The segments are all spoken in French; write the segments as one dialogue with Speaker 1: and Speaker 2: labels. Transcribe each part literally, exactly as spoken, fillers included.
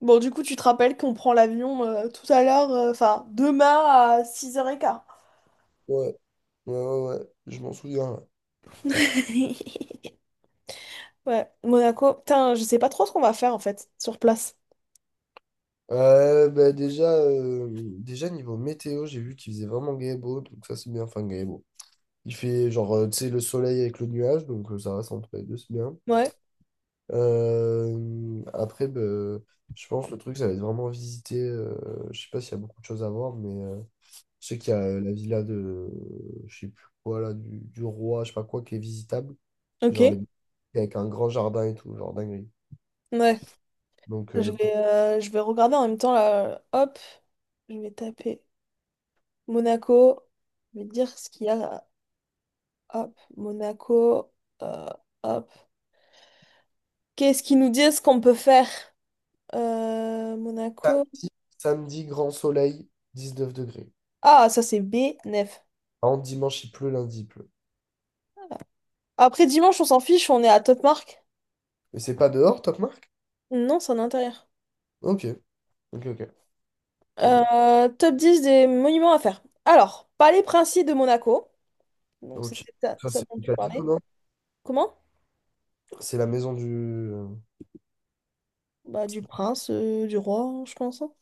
Speaker 1: Bon, du coup, tu te rappelles qu'on prend l'avion euh, tout à l'heure, euh, enfin, demain à six heures quinze.
Speaker 2: Ouais, ouais, ouais, ouais, je m'en souviens. Ouais.
Speaker 1: Ouais, Monaco. Putain, je sais pas trop ce qu'on va faire en fait sur place.
Speaker 2: Euh, bah déjà, euh, déjà niveau météo, j'ai vu qu'il faisait vraiment gay et beau, donc ça c'est bien, enfin gay et beau. Il fait genre, euh, tu sais, le soleil avec le nuage, donc euh, ça reste entre les deux, c'est bien.
Speaker 1: Ouais,
Speaker 2: Euh, après, bah, je pense que le truc, ça va être vraiment visiter, euh, je sais pas s'il y a beaucoup de choses à voir, mais euh, je sais qu'il y a euh, la villa de, je sais plus quoi là, du, du roi, je sais pas quoi, qui est visitable,
Speaker 1: ok.
Speaker 2: genre les avec un grand jardin et tout, genre dinguerie.
Speaker 1: Ouais.
Speaker 2: Donc,
Speaker 1: Je
Speaker 2: euh,
Speaker 1: vais, euh, je vais regarder en même temps là. Hop, je vais taper Monaco. Je vais te dire ce qu'il y a. Hop, Monaco. euh, Hop. Qu'est-ce qu'ils nous disent qu'on peut faire? Euh, Monaco.
Speaker 2: samedi, grand soleil, dix neuf degrés.
Speaker 1: Ah, ça c'est b neuf.
Speaker 2: Par contre, dimanche, il pleut, lundi, il pleut.
Speaker 1: Après dimanche, on s'en fiche, on est à Top Mark.
Speaker 2: Mais c'est pas dehors, Top Mark?
Speaker 1: Non, c'est en intérieur.
Speaker 2: Ok, ok, ok. Tant mieux.
Speaker 1: Euh, top dix des monuments à faire. Alors, Palais Princier de Monaco. Donc, c'est
Speaker 2: Ok.
Speaker 1: peut-être ça,
Speaker 2: Ça,
Speaker 1: ça
Speaker 2: c'est
Speaker 1: dont
Speaker 2: le
Speaker 1: tu parlais.
Speaker 2: casino, non?
Speaker 1: Comment?
Speaker 2: C'est la maison du. euh,
Speaker 1: Bah, du prince, euh, du roi, hein, je pense, hein.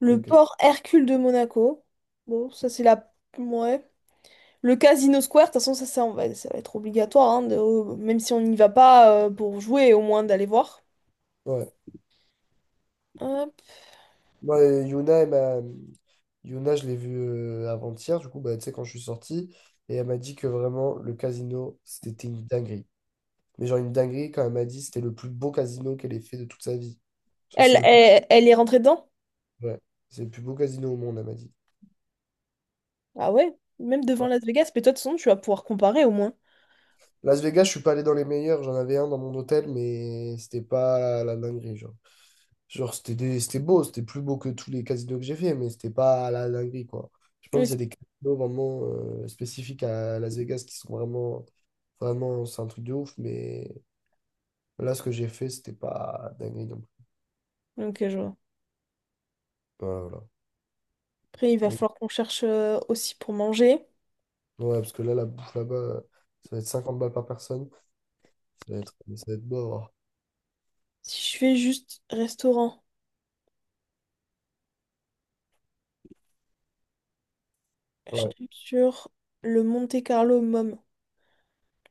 Speaker 1: Le
Speaker 2: Ok.
Speaker 1: port Hercule de Monaco. Bon, ça, c'est la. Ouais. Le Casino Square, de toute façon, ça, ça, on va, ça va être obligatoire, hein, de- euh, même si on n'y va pas euh, pour jouer, au moins d'aller voir.
Speaker 2: Ouais.
Speaker 1: Hop.
Speaker 2: Moi, euh, Yuna, elle m'a- Yuna, je l'ai vue euh, avant-hier, du coup, bah, tu sais, quand je suis sorti, et elle m'a dit que vraiment, le casino, c'était une dinguerie. Mais genre, une dinguerie, quand elle m'a dit, c'était le plus beau casino qu'elle ait fait de toute sa vie. Genre, c'est
Speaker 1: Elle,
Speaker 2: le plus.
Speaker 1: elle, elle est rentrée dedans?
Speaker 2: Ouais. C'est le plus beau casino au monde, elle m'a dit.
Speaker 1: Ah ouais? Même devant Las Vegas, mais toi, de toute façon, tu vas pouvoir comparer au moins.
Speaker 2: Las Vegas, je suis pas allé dans les meilleurs. J'en avais un dans mon hôtel, mais c'était pas la dinguerie. Genre, genre c'était des- c'était beau, c'était plus beau que tous les casinos que j'ai fait, mais c'était pas la dinguerie, quoi. Je pense
Speaker 1: Oui,
Speaker 2: qu'il y a des casinos vraiment euh, spécifiques à Las Vegas qui sont vraiment, vraiment, c'est un truc de ouf, mais là, ce que j'ai fait, c'était pas dinguerie non plus.
Speaker 1: c'est- ok, je vois.
Speaker 2: Voilà,
Speaker 1: Après, il va
Speaker 2: voilà.
Speaker 1: falloir qu'on cherche euh, aussi pour manger.
Speaker 2: Donc, ouais, parce que là, la bouffe là-bas, euh, ça va être cinquante balles par personne. Ça va être, ça va être beau.
Speaker 1: Si je fais juste restaurant, je
Speaker 2: Ouais.
Speaker 1: tombe sur le Monte Carlo Mom,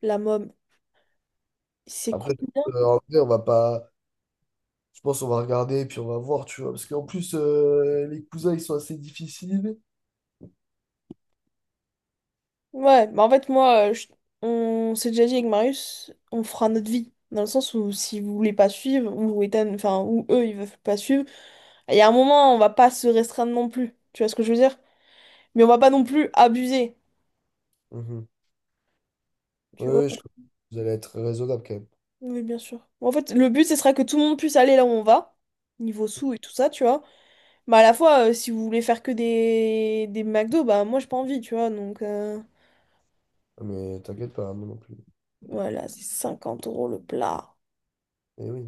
Speaker 1: la Mom. C'est
Speaker 2: Après,
Speaker 1: combien?
Speaker 2: euh, en vrai, on va pas. Je pense qu'on va regarder et puis on va voir, tu vois. Parce qu'en plus, euh, les cousins, ils sont assez difficiles.
Speaker 1: Ouais, bah en fait, moi, euh, je- on s'est déjà dit avec Marius, on fera notre vie. Dans le sens où si vous voulez pas suivre, ou Ethan, enfin, ou eux, ils veulent pas suivre, il y a un moment, on va pas se restreindre non plus. Tu vois ce que je veux dire? Mais on va pas non plus abuser.
Speaker 2: Mhm. Ouais,
Speaker 1: Tu vois?
Speaker 2: ouais, je... Vous allez être raisonnable quand même.
Speaker 1: Oui, bien sûr. Bon, En fait, le but, ce sera que tout le monde puisse aller là où on va, niveau sous et tout ça, tu vois. Bah, à la fois, euh, si vous voulez faire que des, des McDo, bah moi j'ai pas envie, tu vois. Donc euh,
Speaker 2: Ah, mais t'inquiète pas, hein, moi non plus.
Speaker 1: voilà, c'est cinquante euros le plat.
Speaker 2: Et oui.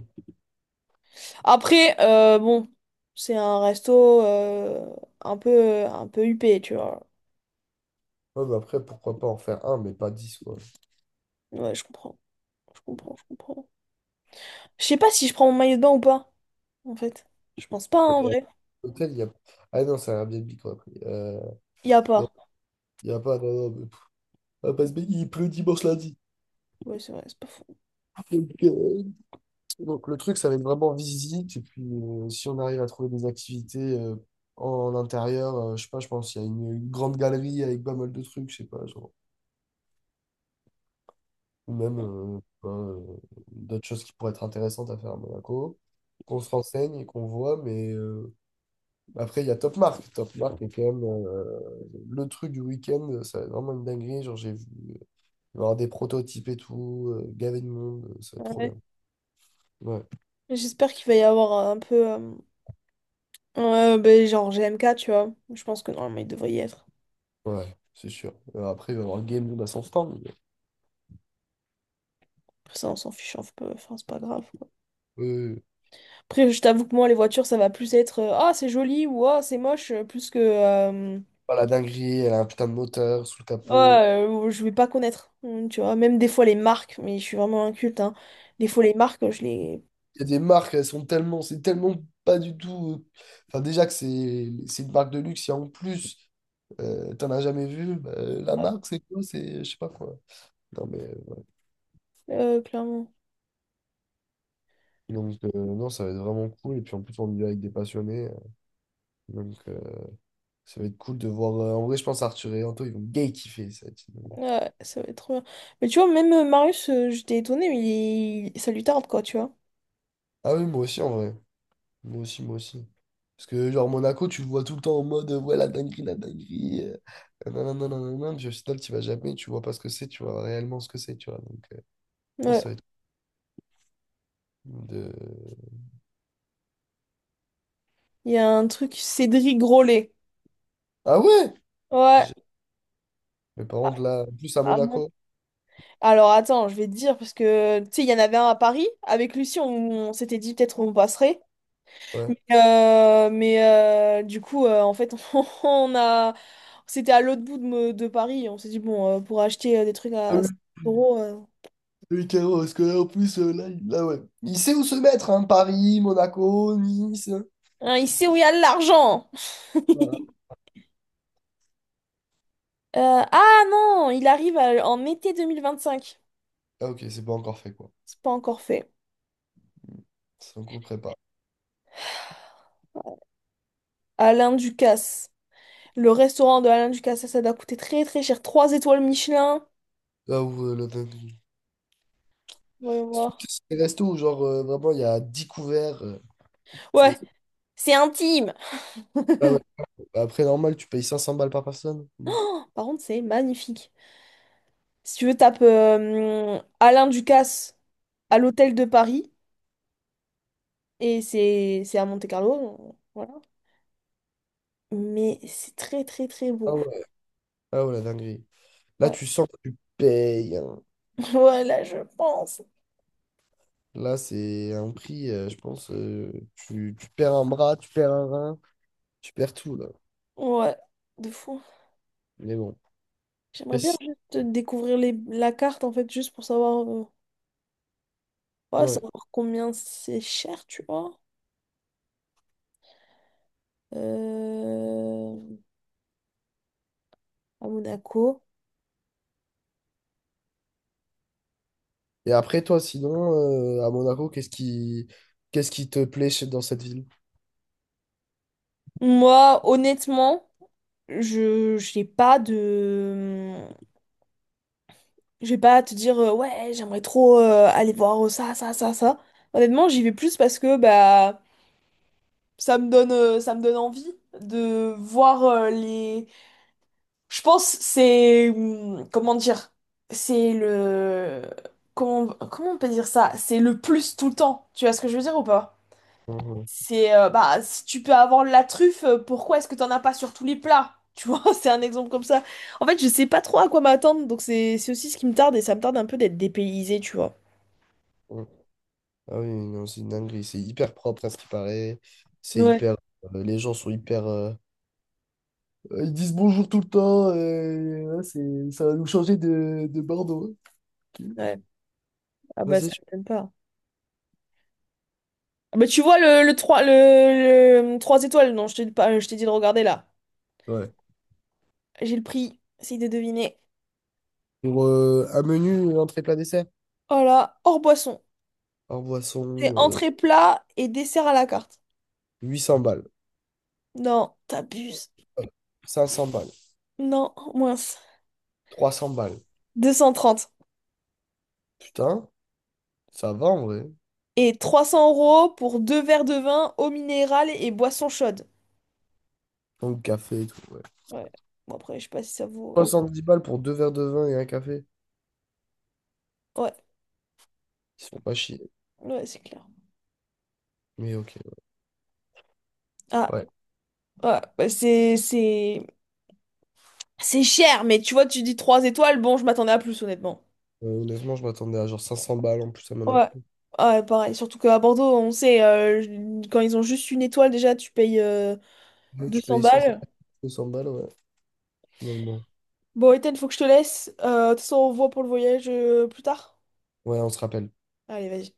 Speaker 1: Après, euh, bon, c'est un resto euh, un peu, un peu huppé, tu vois.
Speaker 2: Ouais, mais après, pourquoi pas en faire un, mais pas dix, quoi.
Speaker 1: Ouais, je comprends. Je comprends, je comprends. Je sais pas si je prends mon maillot de bain ou pas, en fait. Je pense pas, hein, en
Speaker 2: Et à
Speaker 1: vrai.
Speaker 2: l'hôtel, il y a. Ah non, c'est un Airbnb qu'on a pris. Euh,
Speaker 1: Y a
Speaker 2: non,
Speaker 1: pas.
Speaker 2: il n'y a pas. Non, non, mais- on va pas se baigner, il pleut dimanche lundi.
Speaker 1: Ouais, c'est vrai, c'est pas faux.
Speaker 2: Donc, euh, donc, le truc, ça va être vraiment visite. Et puis, euh, si on arrive à trouver des activités euh, en intérieur, euh, je sais pas, je pense qu'il y a une, une grande galerie avec pas mal de trucs, je sais pas, genre. Ou même euh, je sais pas, euh, d'autres choses qui pourraient être intéressantes à faire à Monaco. Qu'on se renseigne et qu'on voit, mais euh, après, il y a Top Mark. Top Mark est quand même, euh, le truc du week-end, ça va être vraiment une dinguerie. Genre, j'ai vu. Il va y avoir des prototypes et tout, euh, gavé de monde, euh, ça va être trop bien.
Speaker 1: Ouais.
Speaker 2: Ouais,
Speaker 1: J'espère qu'il va y avoir un peu, euh, euh, ben, genre G M K, tu vois. Je pense que normalement il devrait y être.
Speaker 2: ouais, c'est sûr. Euh, après, il va y avoir Game Luna à son stand.
Speaker 1: Après ça, on s'en fiche un peu. Enfin, c'est pas grave.
Speaker 2: Mais, euh,
Speaker 1: Après, je t'avoue que moi, les voitures, ça va plus être, euh, Ah, c'est joli, ou Ah, c'est moche, euh, plus que euh,
Speaker 2: pas la dinguerie, elle a un putain de moteur sous le
Speaker 1: Ah,
Speaker 2: capot.
Speaker 1: euh, je vais pas connaître. Hum, Tu vois, même des fois, les marques, mais je suis vraiment inculte, hein. Des fois, les marques, je les.
Speaker 2: Il y a des marques, elles sont tellement, c'est tellement pas du tout. euh, Enfin, déjà que c'est c'est une marque de luxe, et en plus, euh, t'en as jamais vu, bah, la marque, c'est quoi? C'est, je sais pas quoi. Non, mais euh,
Speaker 1: Euh, clairement.
Speaker 2: donc, euh, non, ça va être vraiment cool. Et puis en plus, on y va avec des passionnés. euh, Donc, euh, ça va être cool de voir. Euh, en vrai, je pense Arthur et Anto, ils vont gay kiffer. Ça va être une-
Speaker 1: Ouais, ça va être trop bien. Mais tu vois, même euh, Marius, euh, j'étais étonnée, mais il- ça lui tarde, quoi, tu vois.
Speaker 2: Ah oui, moi aussi en vrai. Moi aussi, moi aussi. Parce que genre Monaco, tu le vois tout le temps en mode euh, ouais la dinguerie, la dinguerie. Euh, nanana, nanana. Puis au final, tu vas jamais, tu vois pas ce que c'est, tu vois réellement ce que c'est, tu vois. Donc euh, je pense que
Speaker 1: Ouais.
Speaker 2: ça va être cool de.
Speaker 1: Il y a un truc, Cédric Grolet.
Speaker 2: Ah ouais!
Speaker 1: Ouais.
Speaker 2: J'ai- Mais par contre là, en plus à
Speaker 1: Ah bon.
Speaker 2: Monaco,
Speaker 1: Alors, attends, je vais te dire, parce que tu sais, il y en avait un à Paris. Avec Lucie, on, on s'était dit peut-être on passerait. Mais,
Speaker 2: ouais.
Speaker 1: euh, mais, euh, du coup, euh, en fait, on a, c'était à l'autre bout de, me- de Paris. On s'est dit, bon, euh, pour acheter euh, des trucs
Speaker 2: Ah
Speaker 1: à
Speaker 2: oui,
Speaker 1: cinq euros, euh,
Speaker 2: oui, carrément, parce que là, en plus, euh, là, il- là, ouais. Il sait où se mettre, hein, Paris, Monaco, Nice. Il sait-
Speaker 1: hein, il sait où il y a de l'argent.
Speaker 2: voilà.
Speaker 1: Euh, ah non, il arrive à- en été deux mille vingt-cinq.
Speaker 2: Ah ok, c'est pas encore fait quoi.
Speaker 1: C'est pas encore fait.
Speaker 2: C'est en cours de prépa.
Speaker 1: Alain Ducasse. Le restaurant de Alain Ducasse, ça, ça doit coûter très très cher. Trois étoiles Michelin.
Speaker 2: Là où euh, le...
Speaker 1: Voyons
Speaker 2: C'est
Speaker 1: voir.
Speaker 2: des restos où genre euh, vraiment il y a dix couverts. euh, C'est-
Speaker 1: Ouais, c'est intime.
Speaker 2: Ah ouais. Après, normal, tu payes 500 balles par personne. Bon.
Speaker 1: Par contre, c'est magnifique. Si tu veux, tape euh, Alain Ducasse à l'hôtel de Paris. Et c'est c'est à Monte-Carlo, voilà. Mais c'est très très très beau.
Speaker 2: Ah ouais, ah ouais, la dinguerie. Là,
Speaker 1: Ouais.
Speaker 2: tu sens que tu payes, hein.
Speaker 1: Voilà, je pense.
Speaker 2: Là, c'est un prix, euh, je pense. euh, tu, tu perds un bras, tu perds un rein, tu perds tout, là.
Speaker 1: Ouais, de fou.
Speaker 2: Mais bon. Après,
Speaker 1: J'aimerais bien
Speaker 2: si-
Speaker 1: juste découvrir les, la carte en fait, juste pour savoir, euh, ouais,
Speaker 2: Ouais.
Speaker 1: savoir combien c'est cher, tu vois. Euh, à Monaco.
Speaker 2: Et après, toi, sinon, euh, à Monaco, qu'est-ce qui, qu'est-ce qui te plaît chez- dans cette ville?
Speaker 1: Moi, honnêtement, je j'ai pas de. Je vais pas à te dire, euh, ouais, j'aimerais trop euh, aller voir ça, ça, ça, ça. Honnêtement, j'y vais plus parce que bah. Ça me donne, euh, ça me donne envie de voir euh, les. Je pense c'est hum, comment dire, c'est le comment comment on peut dire ça? C'est le plus tout le temps. Tu vois ce que je veux dire ou pas?
Speaker 2: Mhm.
Speaker 1: C'est euh, bah si tu peux avoir la truffe, euh, pourquoi est-ce que t'en as pas sur tous les plats? Tu vois, c'est un exemple comme ça. En fait, je sais pas trop à quoi m'attendre, donc c'est c'est aussi ce qui me tarde et ça me tarde un peu d'être dépaysé, tu vois.
Speaker 2: Mhm. Ah oui, non, c'est une dinguerie. C'est hyper propre à ce qui paraît. C'est
Speaker 1: Ouais.
Speaker 2: hyper. Euh, les gens sont hyper. euh, Euh, Ils disent bonjour tout le temps. Et, ouais, c'est, ça va nous changer de, de Bordeaux. Ok.
Speaker 1: Ouais. Ah
Speaker 2: Ça,
Speaker 1: bah
Speaker 2: c'est
Speaker 1: ça
Speaker 2: sûr.
Speaker 1: me donne pas. Bah, tu vois le, le trois le, le trois étoiles, non, je t'ai pas, je t'ai dit de regarder là.
Speaker 2: Ouais.
Speaker 1: J'ai le prix, essaye de deviner.
Speaker 2: Pour euh, un menu, une entrée plat dessert,
Speaker 1: Oh là, hors boisson.
Speaker 2: un
Speaker 1: C'est
Speaker 2: boisson, euh,
Speaker 1: entrée plat et dessert à la carte.
Speaker 2: 800 balles,
Speaker 1: Non, t'abuses.
Speaker 2: 500 balles,
Speaker 1: Non, mince.
Speaker 2: 300 balles.
Speaker 1: deux cent trente.
Speaker 2: Putain, ça va en vrai.
Speaker 1: Et trois cents euros pour deux verres de vin, eau minérale et boisson chaude.
Speaker 2: Donc, café et tout, ouais.
Speaker 1: Ouais. Bon après, je sais pas si ça vaut...
Speaker 2: 70 balles pour deux verres de vin et un café.
Speaker 1: Ouais,
Speaker 2: Ils se font pas chier.
Speaker 1: ouais, c'est clair.
Speaker 2: Mais ok,
Speaker 1: Ah,
Speaker 2: ouais.
Speaker 1: ouais, bah, c'est... C'est c'est cher, mais tu vois, tu dis trois étoiles, bon, je m'attendais à plus honnêtement.
Speaker 2: Euh, honnêtement, je m'attendais à genre 500 balles en plus à
Speaker 1: Ouais.
Speaker 2: Monaco.
Speaker 1: ah pareil. Surtout qu'à Bordeaux, on sait, euh, je- quand ils ont juste une étoile, déjà, tu payes euh,
Speaker 2: Là,
Speaker 1: deux
Speaker 2: tu
Speaker 1: cents
Speaker 2: payes 150
Speaker 1: balles.
Speaker 2: 200 balles, ouais. Donc bon,
Speaker 1: Bon, Ethan, faut que je te laisse. Euh, de toute façon, on voit pour le voyage euh, plus tard.
Speaker 2: ouais, on se rappelle.
Speaker 1: Allez, vas-y.